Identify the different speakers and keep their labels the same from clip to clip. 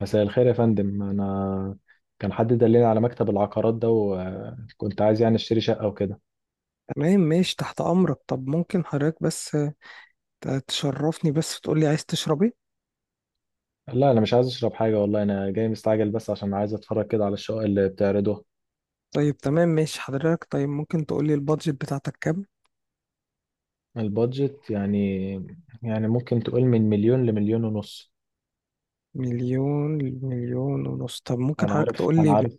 Speaker 1: مساء الخير يا فندم. انا كان حد دلني على مكتب العقارات ده، وكنت عايز يعني اشتري شقه وكده.
Speaker 2: تمام، ماشي، تحت أمرك. طب ممكن حضرتك بس تشرفني، بس وتقولي عايز تشرب ايه؟
Speaker 1: لا انا مش عايز اشرب حاجه والله، انا جاي مستعجل بس عشان عايز اتفرج كده على الشقق اللي بتعرضوها.
Speaker 2: طيب، تمام، ماشي حضرتك. طيب ممكن تقولي البادجت بتاعتك كام؟
Speaker 1: البادجت يعني؟ يعني ممكن تقول من مليون لمليون ونص.
Speaker 2: مليون مليون ونص. طب ممكن
Speaker 1: انا
Speaker 2: حضرتك
Speaker 1: عارف انا
Speaker 2: تقولي
Speaker 1: عارف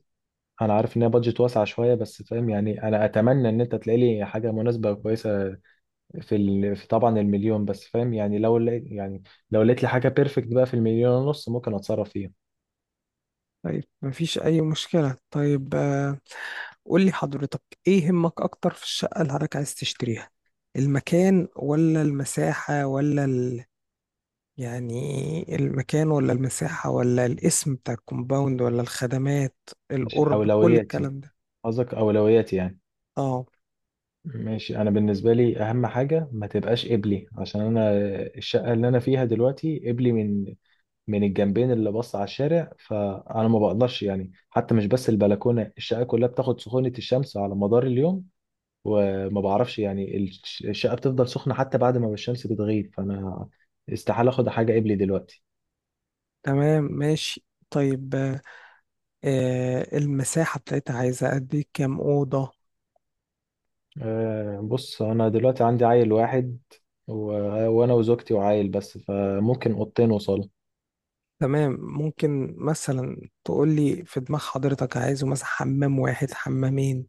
Speaker 1: انا عارف ان هي بادجت واسعه شويه، بس فاهم يعني، انا اتمنى ان انت تلاقي لي حاجه مناسبه وكويسه في ال... في طبعا المليون، بس فاهم يعني لو لقيت يعني لو لقيت لي حاجه بيرفكت بقى في المليون ونص ممكن اتصرف فيها.
Speaker 2: طيب، مفيش أي مشكلة. طيب قولي حضرتك، ايه يهمك أكتر في الشقة اللي حضرتك عايز تشتريها؟ المكان ولا المساحة ولا يعني المكان ولا المساحة ولا الاسم بتاع الكومباوند ولا الخدمات،
Speaker 1: مش
Speaker 2: القرب، كل
Speaker 1: اولوياتي،
Speaker 2: الكلام ده.
Speaker 1: قصدك أولوياتي يعني؟
Speaker 2: اه،
Speaker 1: ماشي. أنا بالنسبة لي أهم حاجة ما تبقاش قبلي، عشان أنا الشقة اللي أنا فيها دلوقتي قبلي، من الجنبين اللي بص على الشارع، فأنا ما بقدرش يعني، حتى مش بس البلكونة الشقة كلها بتاخد سخونة الشمس على مدار اليوم، وما بعرفش يعني الشقة بتفضل سخنة حتى بعد ما الشمس بتغيب، فأنا استحالة أخد حاجة قبلي دلوقتي.
Speaker 2: تمام ماشي. طيب المساحة بتاعتها عايزة قد ايه؟ كام أوضة؟
Speaker 1: أه بص، أنا دلوقتي عندي عيل واحد و... وأنا وزوجتي وعيل بس، فممكن أوضتين وصالة.
Speaker 2: تمام. ممكن مثلا تقولي في دماغ حضرتك عايزه مثلا حمام واحد، حمامين؟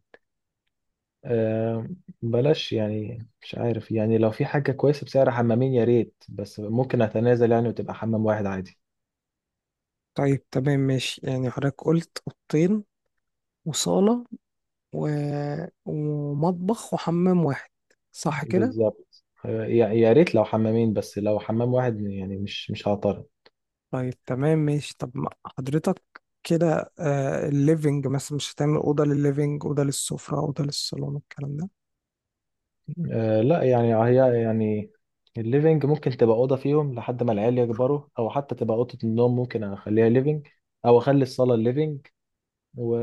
Speaker 1: آه، بلاش يعني، مش عارف يعني، لو في حاجة كويسة بسعر حمامين يا ريت، بس ممكن أتنازل يعني وتبقى حمام واحد عادي.
Speaker 2: طيب، تمام، ماشي، يعني حضرتك قلت أوضتين وصالة و... ومطبخ وحمام واحد، صح كده؟
Speaker 1: بالظبط يا ريت لو حمامين، بس لو حمام واحد يعني مش هعترض.
Speaker 2: طيب تمام ماشي. طب ما حضرتك كده الليفينج مثلا، مش هتعمل أوضة للليفينج، أوضة للسفرة، أوضة للصالون، الكلام ده؟
Speaker 1: لا يعني هي يعني الليفينج ممكن تبقى أوضة فيهم لحد ما العيال يكبروا، أو حتى تبقى أوضة النوم ممكن أخليها ليفينج، أو أخلي الصالة ليفينج و...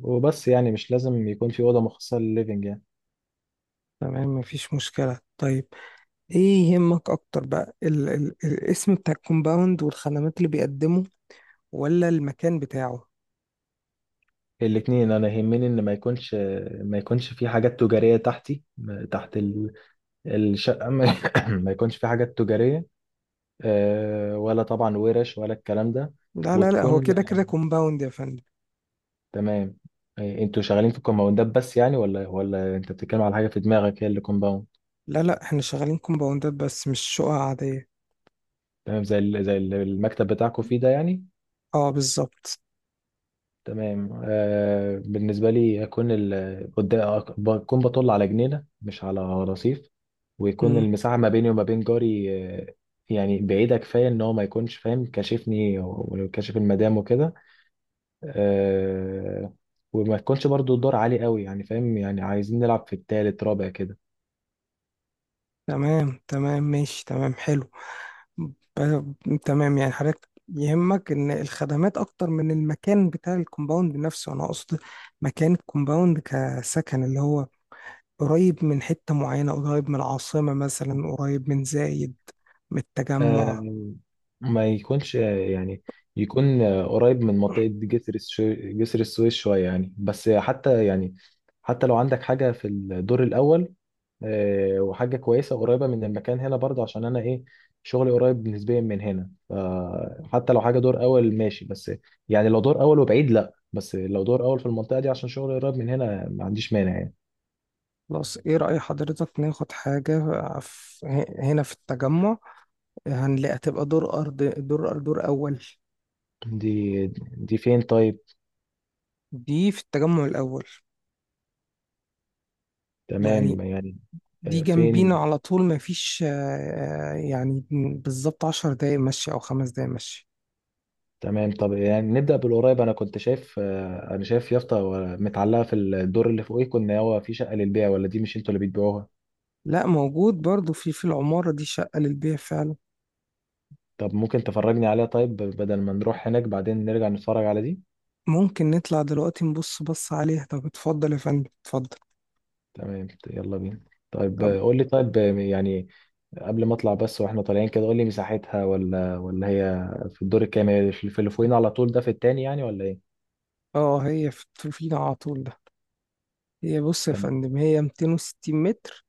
Speaker 1: وبس. يعني مش لازم يكون في أوضة مخصصة للليفينج يعني.
Speaker 2: تمام، مفيش مشكلة. طيب ايه يهمك اكتر بقى، ال الاسم بتاع الكومباوند والخدمات اللي بيقدمه، ولا المكان بتاعه؟
Speaker 1: الاتنين، انا يهمني ان ما يكونش، ما يكونش في حاجات تجارية تحتي، تحت ال- الشقة ما ما يكونش في حاجات تجارية، ولا طبعا ورش ولا الكلام ده.
Speaker 2: لا لا لا، هو
Speaker 1: وتكون
Speaker 2: كده كده كومباوند يا فندم.
Speaker 1: تمام. انتوا شغالين في الكومباوندات بس يعني، ولا انت بتتكلم على حاجة في دماغك هي اللي كومباوند؟
Speaker 2: لا لا، احنا شغالين كومباوندات بس، مش شقق عادية.
Speaker 1: تمام، زي ال- زي ال- المكتب بتاعكم فيه ده يعني.
Speaker 2: اه، بالظبط.
Speaker 1: تمام. بالنسبة لي هكون ال- قدام- بكون بطل على جنينة مش على رصيف، ويكون
Speaker 2: مم.
Speaker 1: المساحة ما بيني وما بين جاري آه، يعني بعيدة كفاية إن هو ما يكونش فاهم كاشفني وكاشف المدام وكده. آه، وما تكونش برضو الدور عالي قوي يعني، فاهم يعني عايزين نلعب في التالت رابع كده.
Speaker 2: تمام تمام ماشي، تمام، حلو. تمام. يعني حضرتك يهمك ان الخدمات اكتر من المكان بتاع الكومباوند نفسه، انا اقصد مكان الكومباوند كسكن، اللي هو قريب من حتة معينة، قريب من العاصمة مثلا، قريب من زايد، من التجمع.
Speaker 1: آه، ما يكونش يكون قريب من منطقة جسر السويس شوية يعني، بس حتى يعني حتى لو عندك حاجة في الدور الأول وحاجة كويسة قريبة من المكان هنا برضه، عشان أنا إيه، شغلي قريب نسبيا من هنا، فحتى لو حاجة دور أول ماشي. بس يعني لو دور أول وبعيد لأ، بس لو دور أول في المنطقة دي عشان شغلي قريب من هنا ما عنديش مانع يعني.
Speaker 2: خلاص، ايه رأي حضرتك ناخد حاجة في هنا في التجمع؟ هنلاقي، هتبقى دور أرض، دور أول.
Speaker 1: دي دي فين طيب؟
Speaker 2: دي في التجمع الأول. يعني
Speaker 1: تمام يعني.
Speaker 2: دي جنبينا
Speaker 1: فين؟
Speaker 2: على طول، مفيش يعني بالظبط 10 دقايق مشي أو 5 دقايق مشي.
Speaker 1: تمام. طب يعني نبدأ بالقريب. أنا كنت شايف أنا شايف يافطة و- متعلقة في الدور اللي فوقيه كنا، هو في شقة للبيع، ولا دي مش أنتوا اللي بتبيعوها؟
Speaker 2: لا، موجود برضو في العمارة دي شقة للبيع فعلا.
Speaker 1: طب ممكن تفرجني عليها طيب، بدل ما نروح هناك بعدين نرجع نتفرج على دي.
Speaker 2: ممكن نطلع دلوقتي بص عليها. طب اتفضل يا فندم، اتفضل.
Speaker 1: تمام يلا بينا. طيب
Speaker 2: طب
Speaker 1: قول لي، طيب قبل ما اطلع بس واحنا طالعين كده قول لي مساحتها، ولا ولا هي في الدور الكام؟ هي في في اللي فوقينا على طول ده في التاني يعني ولا ايه؟
Speaker 2: اه، هي في الفيل على طول ده. بص يا
Speaker 1: تمام.
Speaker 2: فندم، هي 260 متر.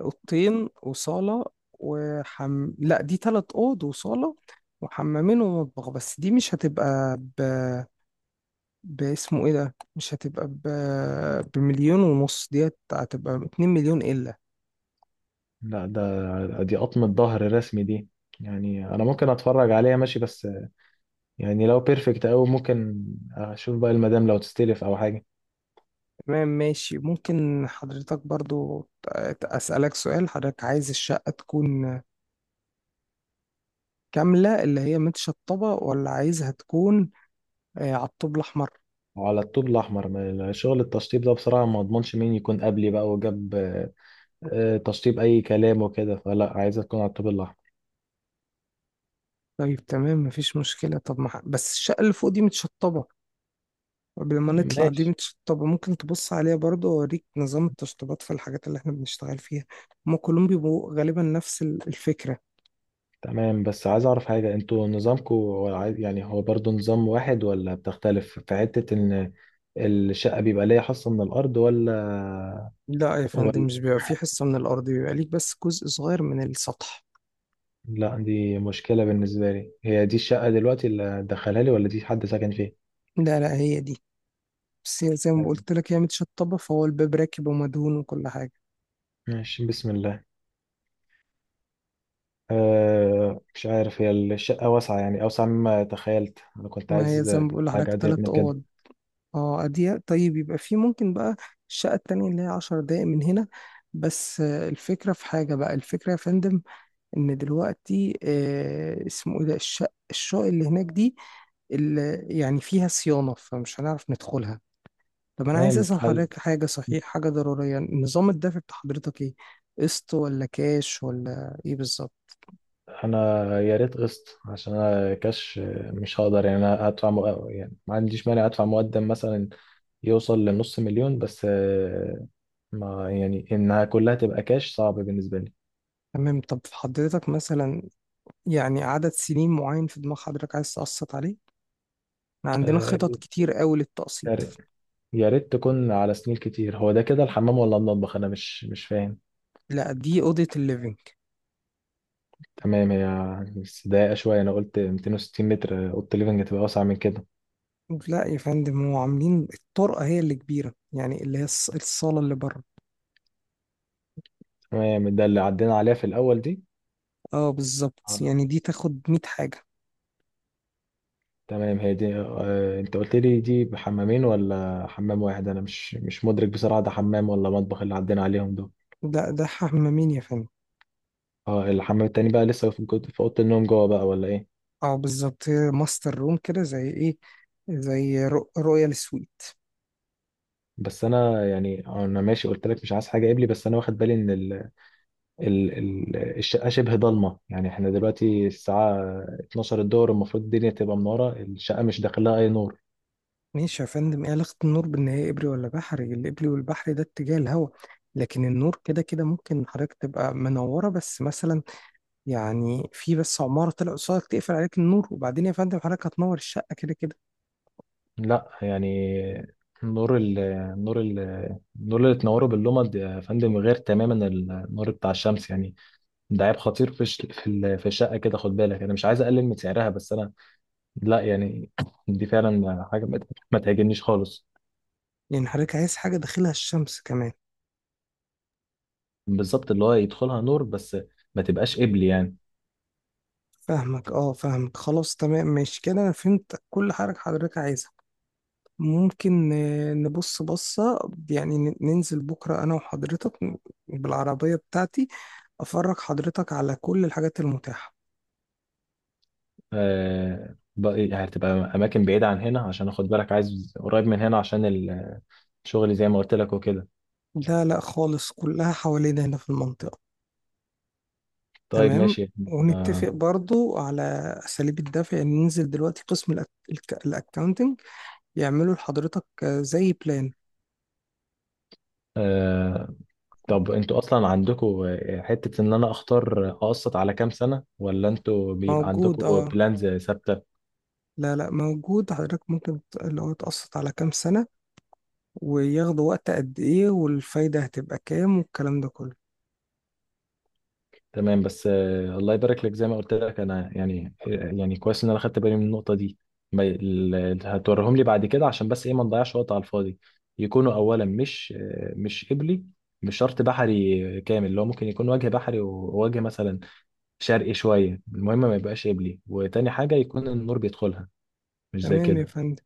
Speaker 2: اوضتين وصالة لا، دي تلات اوض وصالة وحمامين ومطبخ. بس دي مش هتبقى باسمه ايه ده، مش هتبقى بمليون ونص، دي هتبقى 2 مليون الا.
Speaker 1: لا ده دي قطمة ظهر رسمي دي. يعني انا ممكن اتفرج عليها ماشي، بس يعني لو بيرفكت قوي ممكن اشوف بقى المدام لو تستلف او حاجة.
Speaker 2: تمام، ماشي. ممكن حضرتك برضو اسألك سؤال؟ حضرتك عايز الشقة تكون كاملة، اللي هي متشطبة، ولا عايزها تكون على الطوب الأحمر؟
Speaker 1: وعلى الطوب الاحمر، ما- شغل التشطيب ده بصراحة ما اضمنش مين يكون قبلي بقى وجاب تشطيب اي كلام وكده، فلا، عايزة تكون على الطوب الاحمر.
Speaker 2: طيب، تمام، مفيش مشكلة. طب ما بس الشقة اللي فوق دي متشطبة، قبل ما نطلع، دي
Speaker 1: ماشي.
Speaker 2: متشطبة، ممكن تبص عليها برضه، وأوريك نظام التشطيبات في الحاجات اللي احنا بنشتغل فيها. هما كلهم بيبقوا غالبا نفس الفكرة.
Speaker 1: تمام بس عايز اعرف حاجة، انتوا نظامكم هو عاي- يعني هو برضو نظام واحد ولا بتختلف في حتة ان الشقة بيبقى ليا حصة من الارض ولا؟
Speaker 2: لا يا فندم،
Speaker 1: ولا.
Speaker 2: مش بيبقى في حصة من الأرض، بيبقى ليك بس جزء صغير من السطح.
Speaker 1: لا دي مشكلة بالنسبة لي. هي دي الشقة دلوقتي اللي دخلها لي، ولا دي حد ساكن فيها؟
Speaker 2: لا لا، هي دي. بس هي زي ما قلت لك هي متشطبة، فهو الباب راكب ومدهون وكل حاجة.
Speaker 1: ماشي، بسم الله. أه مش عارف، هي الشقة واسعة يعني، أوسع مما تخيلت. أنا كنت
Speaker 2: ما هي
Speaker 1: عايز
Speaker 2: زي ما بقول
Speaker 1: حاجة
Speaker 2: لحضرتك،
Speaker 1: أضيق
Speaker 2: تلات
Speaker 1: من كده.
Speaker 2: أوض. اه، أضيق. طيب يبقى في ممكن بقى، الشقة التانية اللي هي 10 دقايق من هنا، بس الفكرة، في حاجة بقى، الفكرة يا فندم، إن دلوقتي اسمه إيه ده، الشقق اللي هناك دي، اللي يعني فيها صيانة، فمش هنعرف ندخلها. طب أنا عايز
Speaker 1: تمام.
Speaker 2: أسأل حضرتك حاجة، صحيح، حاجة ضرورية. نظام الدفع بتاع حضرتك إيه؟ قسط ولا كاش ولا إيه بالظبط؟
Speaker 1: انا يا ريت قسط، عشان انا كاش مش هقدر. يعني انا ادفع مق... يعني ما عنديش مانع ادفع مقدم مثلا يوصل لنص مليون، بس ما يعني انها كلها تبقى كاش صعب بالنسبه لي.
Speaker 2: تمام. طب حضرتك مثلا، يعني، عدد سنين معين في دماغ حضرتك عايز تقسط عليه؟ إحنا عندنا خطط
Speaker 1: آه،
Speaker 2: كتير قوي
Speaker 1: يا
Speaker 2: للتقسيط.
Speaker 1: ريت، يا ريت تكون على سنين كتير. هو ده كده الحمام ولا المطبخ؟ انا مش فاهم.
Speaker 2: لا، دي اوضه الليفينج.
Speaker 1: تمام هي، بس ضايقه شويه. انا قلت 260 متر، اوضه الليفنج هتبقى اوسع من كده.
Speaker 2: لا يا فندم، هو عاملين الطرقه هي اللي كبيره، يعني اللي هي الصاله اللي بره.
Speaker 1: تمام، ده اللي عدينا عليها في الاول دي؟
Speaker 2: اه بالظبط،
Speaker 1: آه.
Speaker 2: يعني دي تاخد 100 حاجه.
Speaker 1: تمام. هي دي انت قلت لي دي بحمامين ولا حمام واحد؟ انا مش مش مدرك بصراحة ده حمام ولا مطبخ اللي عدينا عليهم دول.
Speaker 2: ده حمامين يا فندم.
Speaker 1: اه، الحمام التاني بقى لسه في جوه- في اوضة النوم جوه بقى ولا ايه؟
Speaker 2: اه بالظبط، هي ماستر روم كده، زي ايه، زي رويال سويت.
Speaker 1: بس انا يعني، انا ماشي قلت لك مش عايز حاجة قبلي، بس انا واخد بالي ان الشقة شبه ضلمة يعني. احنا دلوقتي الساعة 12 الظهر، المفروض الدنيا تبقى منارة، الشقة مش داخلها اي نور.
Speaker 2: ماشي يا فندم، ايه علاقه النور بان هي ابري ولا بحري؟ الابري والبحري ده اتجاه الهواء، لكن النور كده كده. ممكن حضرتك تبقى منوره بس، مثلا يعني في بس عماره طلع قصادك تقفل عليك النور، وبعدين يا فندم، حضرتك هتنور الشقه كده كده.
Speaker 1: لا يعني نور ال نور ال النور اللي تنوره باللمض يا فندم غير تماما النور بتاع الشمس يعني. ده عيب خطير في في الشقه كده. خد بالك انا مش عايز اقلل من سعرها، بس انا، لا يعني، دي فعلا حاجه ما تعجبنيش خالص.
Speaker 2: لأن حضرتك عايز حاجة داخلها الشمس كمان.
Speaker 1: بالظبط، اللي هو يدخلها نور بس ما تبقاش قبل يعني.
Speaker 2: فاهمك، اه، فاهمك، خلاص، تمام، ماشي كده، أنا فهمت كل حاجة حضرتك عايزها. ممكن نبص بصة، يعني ننزل بكرة أنا وحضرتك بالعربية بتاعتي، أفرج حضرتك على كل الحاجات المتاحة.
Speaker 1: آه بقى- يعني هتبقى اماكن بعيده عن هنا؟ عشان اخد بالك عايز قريب من هنا عشان الشغل زي ما قلت لك وكده.
Speaker 2: لا لا خالص، كلها حوالينا هنا في المنطقة.
Speaker 1: طيب
Speaker 2: تمام،
Speaker 1: ماشي. آه.
Speaker 2: ونتفق برضو على أساليب الدفع، يعني ننزل دلوقتي قسم الأكاونتنج يعملوا لحضرتك زي بلان.
Speaker 1: آه، طب انتوا اصلا عندكم حتة ان انا اختار اقسط على كام سنة، ولا انتوا بيبقى
Speaker 2: موجود،
Speaker 1: عندكم
Speaker 2: اه.
Speaker 1: بلانز ثابتة؟
Speaker 2: لا لا، موجود حضرتك، ممكن اللي هو تقسط على كام سنة، وياخدوا وقت قد ايه، والفايدة هتبقى كام، والكلام ده كله.
Speaker 1: تمام. بس الله يبارك لك، زي ما قلت لك انا يعني كويس ان انا خدت بالي من النقطة دي. ما- ال- هتوريهم لي بعد كده، عشان بس ايه ما نضيعش وقت على الفاضي. يكونوا اولا مش مش قبلي. مش شرط بحري كامل، اللي هو ممكن يكون وجه بحري ووجه مثلا شرقي شوية، المهم ما يبقاش قبلي. وتاني حاجة يكون النور بيدخلها، مش زي
Speaker 2: تمام يا
Speaker 1: كده.
Speaker 2: فندم،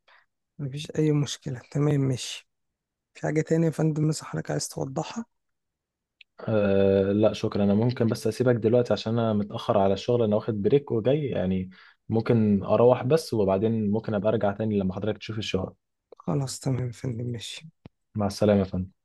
Speaker 2: مفيش أي مشكلة، تمام ماشي. في حاجة تانية يا فندم مثلا حضرتك عايز توضحها؟
Speaker 1: أه لا شكرا، انا ممكن بس اسيبك دلوقتي عشان انا متأخر على الشغل، انا واخد بريك وجاي يعني. ممكن اروح بس، وبعدين ممكن ابقى ارجع تاني لما حضرتك تشوف الشغل.
Speaker 2: خلاص تمام يا فندم، ماشي.
Speaker 1: مع السلامة يا فندم.